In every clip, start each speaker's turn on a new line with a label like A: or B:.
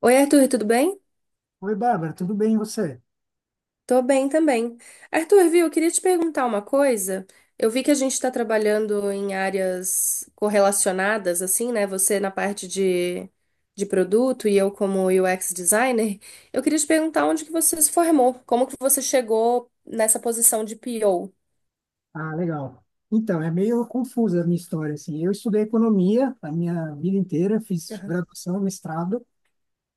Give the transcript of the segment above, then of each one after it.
A: Oi, Arthur, tudo bem?
B: Oi, Bárbara, tudo bem e você?
A: Tô bem também. Arthur, viu, eu queria te perguntar uma coisa. Eu vi que a gente está trabalhando em áreas correlacionadas, assim, né? Você na parte de produto e eu como UX designer. Eu queria te perguntar onde que você se formou, como que você chegou nessa posição de PO.
B: Ah, legal. Então, é meio confusa a minha história, assim. Eu estudei economia a minha vida inteira, fiz
A: Aham.
B: graduação, mestrado,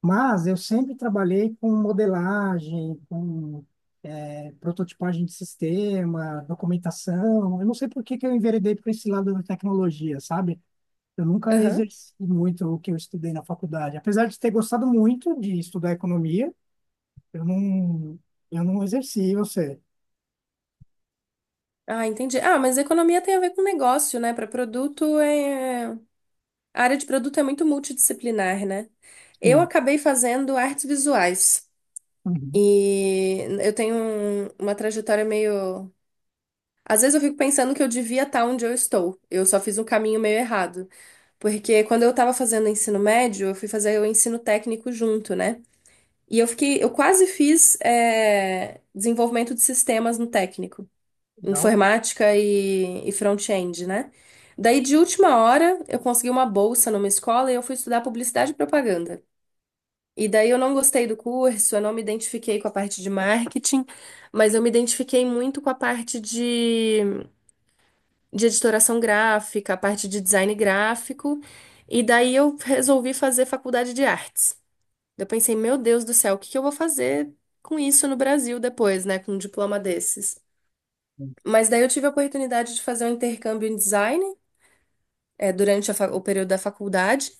B: mas eu sempre trabalhei com modelagem, com prototipagem de sistema, documentação. Eu não sei por que que eu enveredei para esse lado da tecnologia, sabe? Eu nunca
A: Aham.
B: exerci muito o que eu estudei na faculdade. Apesar de ter gostado muito de estudar economia, eu não, eu não exerci, eu sei.
A: Ah, entendi. Ah, mas economia tem a ver com negócio, né? Para produto é. A área de produto é muito multidisciplinar, né? Eu
B: Sim.
A: acabei fazendo artes visuais.
B: Uhum.
A: E eu tenho uma trajetória meio. Às vezes eu fico pensando que eu devia estar onde eu estou. Eu só fiz um caminho meio errado. Porque quando eu estava fazendo ensino médio, eu fui fazer o ensino técnico junto, né? E eu quase fiz desenvolvimento de sistemas no técnico,
B: Legal.
A: informática e front-end, né? Daí, de última hora, eu consegui uma bolsa numa escola e eu fui estudar publicidade e propaganda. E daí eu não gostei do curso, eu não me identifiquei com a parte de marketing, mas eu me identifiquei muito com a parte de editoração gráfica, a parte de design gráfico, e daí eu resolvi fazer faculdade de artes. Eu pensei, meu Deus do céu, o que que eu vou fazer com isso no Brasil depois, né, com um diploma desses? Mas daí eu tive a oportunidade de fazer um intercâmbio em design, durante a o período da faculdade.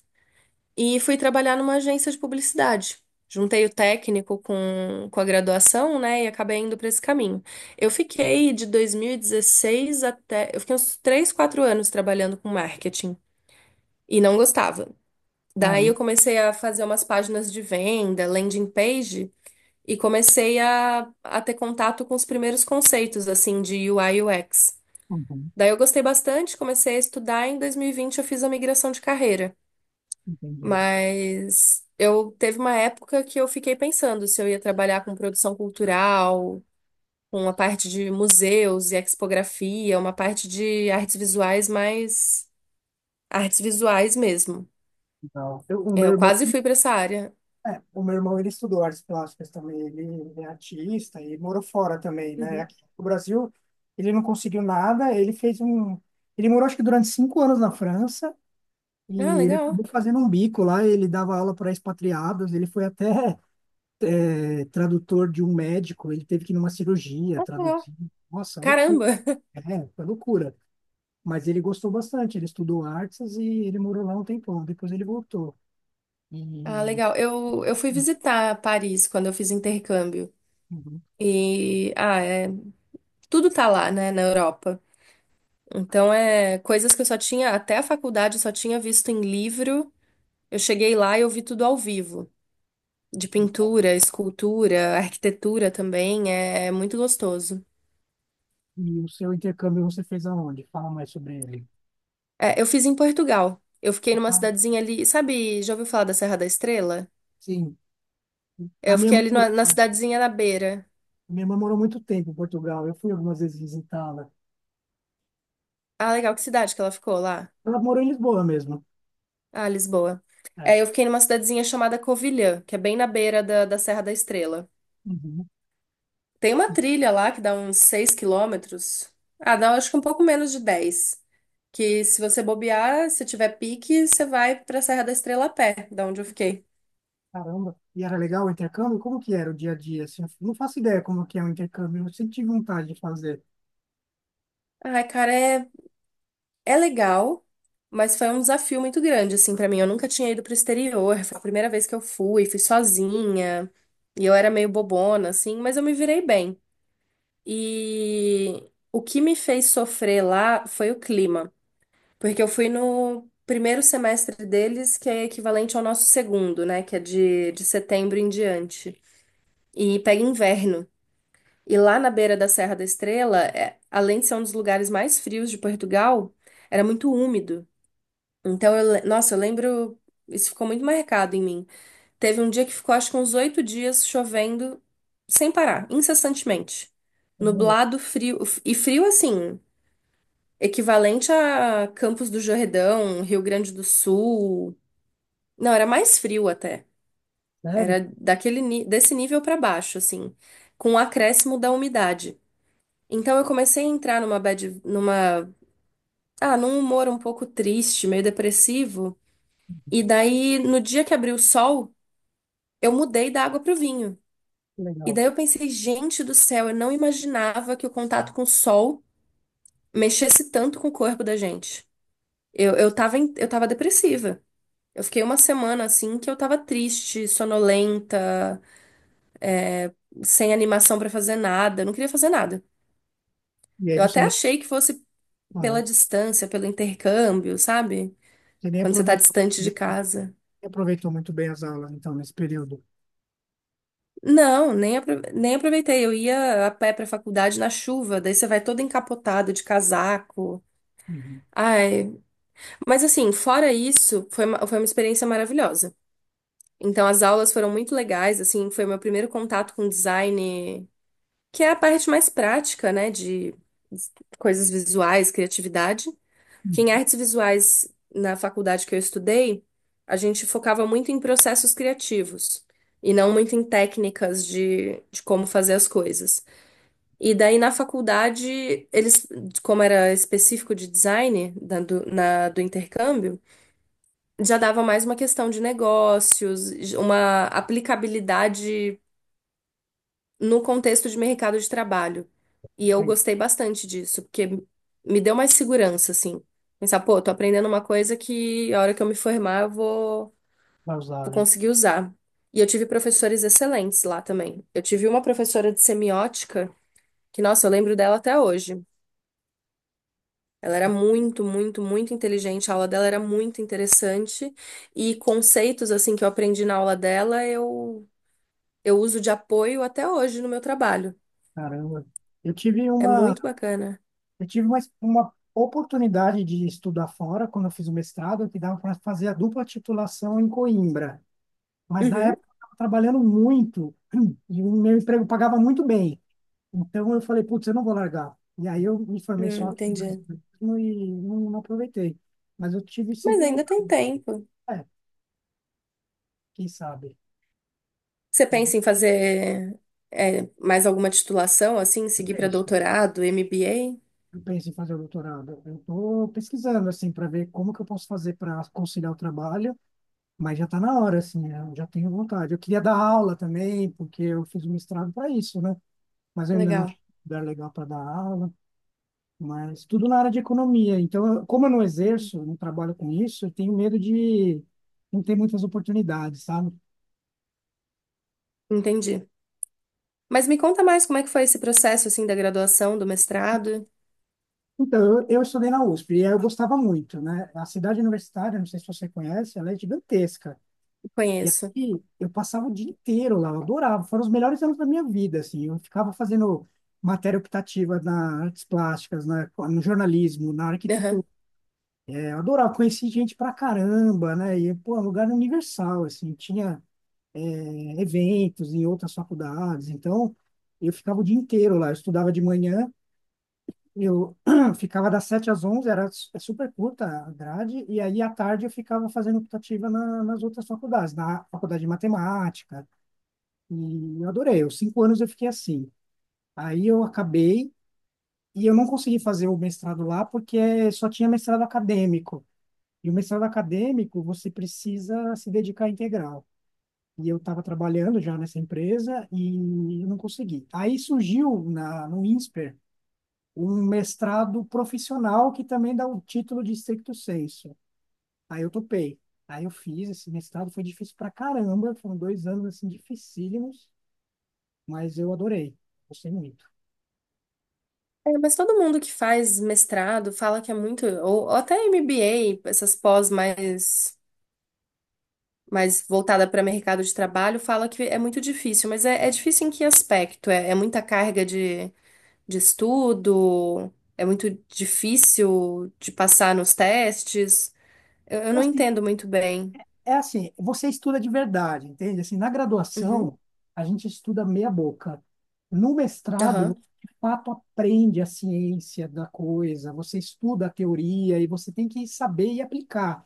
A: E fui trabalhar numa agência de publicidade. Juntei o técnico com a graduação, né, e acabei indo para esse caminho. Eu fiquei de 2016 até. Eu fiquei uns 3 4 anos trabalhando com marketing e não gostava. Daí
B: Caramba,
A: eu comecei a fazer umas páginas de venda, landing page, e comecei a ter contato com os primeiros conceitos, assim, de UI e UX.
B: uhum,
A: Daí eu gostei bastante, comecei a estudar. Em 2020 eu fiz a migração de carreira.
B: entendi.
A: Mas eu teve uma época que eu fiquei pensando se eu ia trabalhar com produção cultural, com a parte de museus e expografia, uma parte de artes visuais mais artes visuais mesmo.
B: Legal. Eu, o
A: É,
B: meu
A: eu
B: irmão,
A: quase
B: ele-
A: fui para essa área.
B: O meu irmão, ele estudou artes plásticas também, ele é artista e morou fora também, né?
A: Uhum.
B: Aqui no Brasil, ele não conseguiu nada, ele fez um... Ele morou, acho que durante cinco anos na França
A: Ah,
B: e ele
A: legal.
B: acabou fazendo um bico lá, ele dava aula para expatriados, ele foi até tradutor de um médico, ele teve que ir numa cirurgia
A: Ah, legal.
B: traduzir. Nossa, loucura.
A: Caramba.
B: É, foi loucura. Mas ele gostou bastante, ele estudou artes e ele morou lá um tempão, depois ele voltou.
A: Ah,
B: E,
A: legal. Eu fui visitar Paris quando eu fiz intercâmbio.
B: uhum.
A: E, ah, é, tudo tá lá, né, na Europa. Então, é coisas que eu só tinha, até a faculdade, eu só tinha visto em livro. Eu cheguei lá e eu vi tudo ao vivo, de pintura, escultura, arquitetura também, é muito gostoso.
B: E o seu intercâmbio você fez aonde? Fala mais sobre ele.
A: É, eu fiz em Portugal. Eu fiquei numa
B: Ah,
A: cidadezinha ali, sabe, já ouviu falar da Serra da Estrela?
B: sim. A
A: Eu
B: minha
A: fiquei
B: irmã,
A: ali
B: mor-
A: na cidadezinha na beira.
B: a minha irmã morou muito tempo em Portugal. Eu fui algumas vezes visitá-la.
A: Ah, legal, que cidade que ela ficou lá?
B: Ela morou em Lisboa mesmo.
A: Ah, Lisboa.
B: É.
A: É, eu fiquei numa cidadezinha chamada Covilhã, que é bem na beira da Serra da Estrela.
B: Uhum.
A: Tem uma
B: E,
A: trilha lá que dá uns 6 quilômetros. Ah, dá acho que um pouco menos de 10. Que se você bobear, se tiver pique, você vai pra Serra da Estrela a pé, da onde eu fiquei.
B: caramba. E era legal o intercâmbio? Como que era o dia a dia? Assim, eu não faço ideia como que é o intercâmbio. Eu sempre tive vontade de fazer.
A: Ai, cara, é legal, mas foi um desafio muito grande, assim, pra mim. Eu nunca tinha ido pro exterior, foi a primeira vez que eu fui sozinha, e eu era meio bobona, assim, mas eu me virei bem. E o que me fez sofrer lá foi o clima. Porque eu fui no primeiro semestre deles, que é equivalente ao nosso segundo, né? Que é de setembro em diante. E pega inverno. E lá na beira da Serra da Estrela, além de ser um dos lugares mais frios de Portugal, era muito úmido. Então, nossa, eu lembro. Isso ficou muito marcado em mim. Teve um dia que ficou, acho que uns 8 dias chovendo sem parar, incessantemente.
B: Caramba,
A: Nublado, frio. E frio assim equivalente a Campos do Jordão, Rio Grande do Sul. Não, era mais frio até.
B: sério?
A: Era desse nível para baixo, assim, com o acréscimo da umidade. Então eu comecei a entrar numa bad, numa, ah, num humor um pouco triste, meio depressivo. E daí, no dia que abriu o sol, eu mudei da água pro vinho.
B: Que
A: E
B: legal.
A: daí eu pensei, gente do céu, eu não imaginava que o contato com o sol mexesse tanto com o corpo da gente. Eu tava depressiva. Eu fiquei uma semana assim que eu tava triste, sonolenta, é, sem animação pra fazer nada, eu não queria fazer nada.
B: E aí
A: Eu
B: você
A: até
B: nem,
A: achei que fosse
B: ah,
A: pela distância, pelo intercâmbio, sabe?
B: Você nem
A: Quando você tá
B: aproveitou,
A: distante de
B: nem
A: casa.
B: aproveitou muito bem as aulas, então, nesse período.
A: Não, nem aproveitei. Eu ia a pé pra faculdade na chuva, daí você vai todo encapotado de casaco.
B: Uhum.
A: Ai, mas assim, fora isso, foi uma experiência maravilhosa. Então, as aulas foram muito legais, assim, foi meu primeiro contato com design que é a parte mais prática, né, de coisas visuais, criatividade. Que em
B: Uhum.
A: artes visuais, na faculdade que eu estudei, a gente focava muito em processos criativos e não muito em técnicas de como fazer as coisas. E daí na faculdade, eles, como era específico de design do intercâmbio, já dava mais uma questão de negócios, uma aplicabilidade no contexto de mercado de trabalho. E eu
B: Bem,
A: gostei bastante disso, porque me deu mais segurança, assim. Pensar, pô, tô aprendendo uma coisa que a hora que eu me formar eu vou,
B: vai usar,
A: vou
B: né?
A: conseguir usar. E eu tive professores excelentes lá também. Eu tive uma professora de semiótica, que, nossa, eu lembro dela até hoje. Ela era muito, muito, muito inteligente, a aula dela era muito interessante e conceitos assim que eu aprendi na aula dela, eu uso de apoio até hoje no meu trabalho.
B: Caramba. Eu tive
A: É
B: uma,
A: muito bacana.
B: eu tive uma oportunidade de estudar fora quando eu fiz o mestrado, que dava para fazer a dupla titulação em Coimbra. Mas na
A: Uhum.
B: época eu estava trabalhando muito e o meu emprego pagava muito bem. Então eu falei, putz, eu não vou largar. E aí eu me formei só aqui
A: Entendi.
B: mesmo e não, não aproveitei. Mas eu tive
A: Mas
B: sempre
A: ainda tem
B: vontade.
A: tempo.
B: É, quem sabe?
A: Você
B: Eu,
A: pensa em fazer mais alguma titulação, assim,
B: eu
A: seguir para
B: penso.
A: doutorado, MBA?
B: Eu penso em fazer o doutorado. Eu estou pesquisando assim para ver como que eu posso fazer para conciliar o trabalho. Mas já está na hora, assim, né? Eu já tenho vontade. Eu queria dar aula também, porque eu fiz um mestrado para isso, né? Mas eu ainda não achei
A: Legal.
B: um lugar legal para dar aula, mas tudo na área de economia. Então, eu- como eu não exerço, não trabalho com isso, eu tenho medo de não ter muitas oportunidades, sabe?
A: Entendi. Mas me conta mais como é que foi esse processo, assim, da graduação, do mestrado?
B: Então, eu estudei na USP e eu gostava muito, né? A cidade universitária, não sei se você conhece, ela é gigantesca. E
A: Conheço.
B: aqui eu passava o dia inteiro lá, eu adorava, foram os melhores anos da minha vida, assim, eu ficava fazendo matéria optativa na artes plásticas, na, no jornalismo, na arquitetura.
A: Aham.
B: É, eu adorava, conheci gente pra caramba, né, e, pô, é um lugar universal, assim, tinha eventos em outras faculdades, então eu ficava o dia inteiro lá, eu estudava de manhã, eu ficava das 7 às 11, é super curta a grade, e aí à tarde eu ficava fazendo optativa na, nas outras faculdades, na faculdade de matemática. E eu adorei. Os cinco anos eu fiquei assim. Aí eu acabei e eu não consegui fazer o mestrado lá porque só tinha mestrado acadêmico. E o mestrado acadêmico você precisa se dedicar integral. E eu estava trabalhando já nessa empresa e eu não consegui. Aí surgiu na, no INSPER um mestrado profissional que também dá o título de stricto sensu. Aí eu topei. Aí eu fiz esse mestrado, foi difícil pra caramba, foram dois anos assim dificílimos, mas eu adorei, gostei muito.
A: É, mas todo mundo que faz mestrado fala que é muito, ou até MBA, essas pós mais voltada para mercado de trabalho, fala que é muito difícil. Mas é difícil em que aspecto? É muita carga de estudo, é muito difícil de passar nos testes. Eu
B: É
A: não
B: Assim,
A: entendo muito bem.
B: é assim, você estuda de verdade, entende? Assim, na
A: Uhum,
B: graduação, a gente estuda meia boca. No mestrado,
A: aham,
B: você, de fato, aprende a ciência da coisa, você estuda a teoria e você tem que saber e aplicar.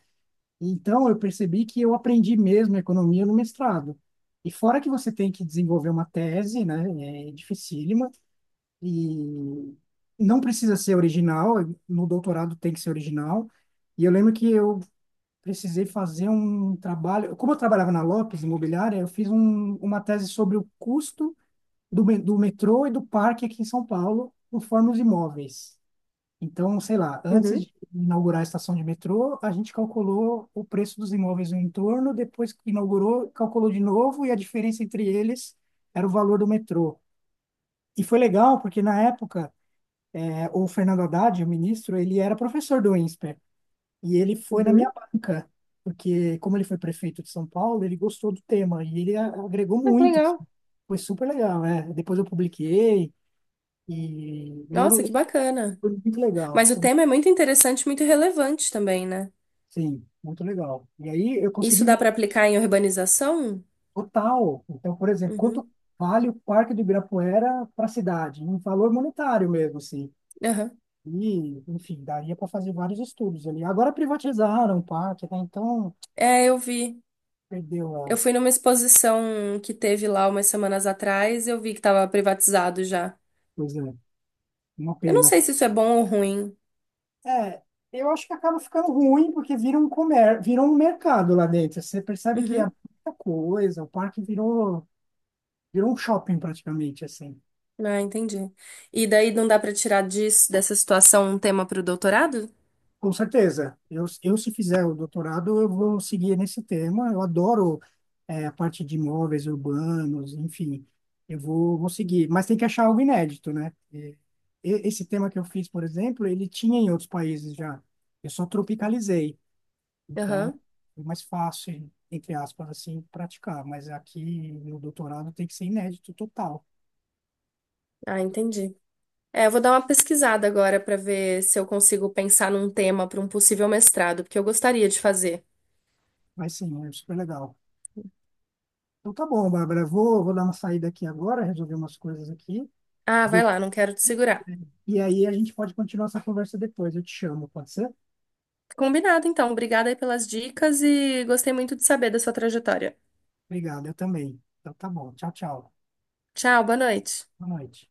B: Então, eu percebi que eu aprendi mesmo economia no mestrado. E fora que você tem que desenvolver uma tese, né? É dificílima e não precisa ser original, no doutorado tem que ser original. E eu lembro que eu precisei fazer um trabalho. Como eu trabalhava na Lopes Imobiliária, uma tese sobre o custo do metrô e do parque aqui em São Paulo, conforme os imóveis. Então, sei lá, antes
A: uhum,
B: de inaugurar a estação de metrô, a gente calculou o preço dos imóveis no entorno, depois que inaugurou, calculou de novo e a diferença entre eles era o valor do metrô. E foi legal, porque na época, o Fernando Haddad, o ministro, ele era professor do Insper. E ele foi na minha
A: uhum.
B: banca, porque como ele foi prefeito de São Paulo, ele gostou do tema e agregou
A: Ah, que
B: muito, assim.
A: legal.
B: Foi super legal, né? Depois eu publiquei e eu, não-
A: Nossa, que bacana.
B: foi muito legal.
A: Mas o
B: Foi-
A: tema é muito interessante, muito relevante também, né?
B: Sim, muito legal. E aí eu consegui
A: Isso dá
B: ver
A: para aplicar em urbanização?
B: total. Então, por exemplo, quanto
A: Uhum,
B: vale o Parque do Ibirapuera para a cidade? Um valor monetário mesmo, assim.
A: aham.
B: E, enfim, daria para fazer vários estudos ali. Agora privatizaram o parque, né? Então,
A: É, eu vi.
B: perdeu
A: Eu
B: a
A: fui numa exposição que teve lá umas semanas atrás, eu vi que estava privatizado já.
B: coisa. Uma
A: Eu não
B: pena.
A: sei se isso é bom ou ruim.
B: É, eu acho que acaba ficando ruim porque virou um mercado lá dentro. Você percebe que é
A: Uhum.
B: muita coisa, virou um shopping praticamente, assim.
A: Ah, entendi. E daí não dá pra tirar disso, dessa situação um tema pro doutorado?
B: Com certeza. Se fizer o doutorado, eu vou seguir nesse tema. Eu adoro, a parte de imóveis urbanos, enfim. Vou seguir. Mas tem que achar algo inédito, né? Esse tema que eu fiz, por exemplo, ele tinha em outros países já. Eu só tropicalizei. Então,
A: Aham.
B: foi mais fácil, entre aspas, assim, praticar. Mas aqui no doutorado tem que ser inédito total.
A: Ah, entendi. É, eu vou dar uma pesquisada agora pra ver se eu consigo pensar num tema pra um possível mestrado, porque eu gostaria de fazer.
B: Mas sim, é super legal. Então tá bom, Bárbara. Vou dar uma saída aqui agora, resolver umas coisas aqui.
A: Ah, vai
B: Do-
A: lá, não quero te segurar.
B: E aí a gente pode continuar essa conversa depois. Eu te chamo, pode ser?
A: Combinado, então. Obrigada aí pelas dicas e gostei muito de saber da sua trajetória.
B: Obrigado, eu também. Então tá bom. Tchau, tchau.
A: Tchau, boa noite.
B: Boa noite.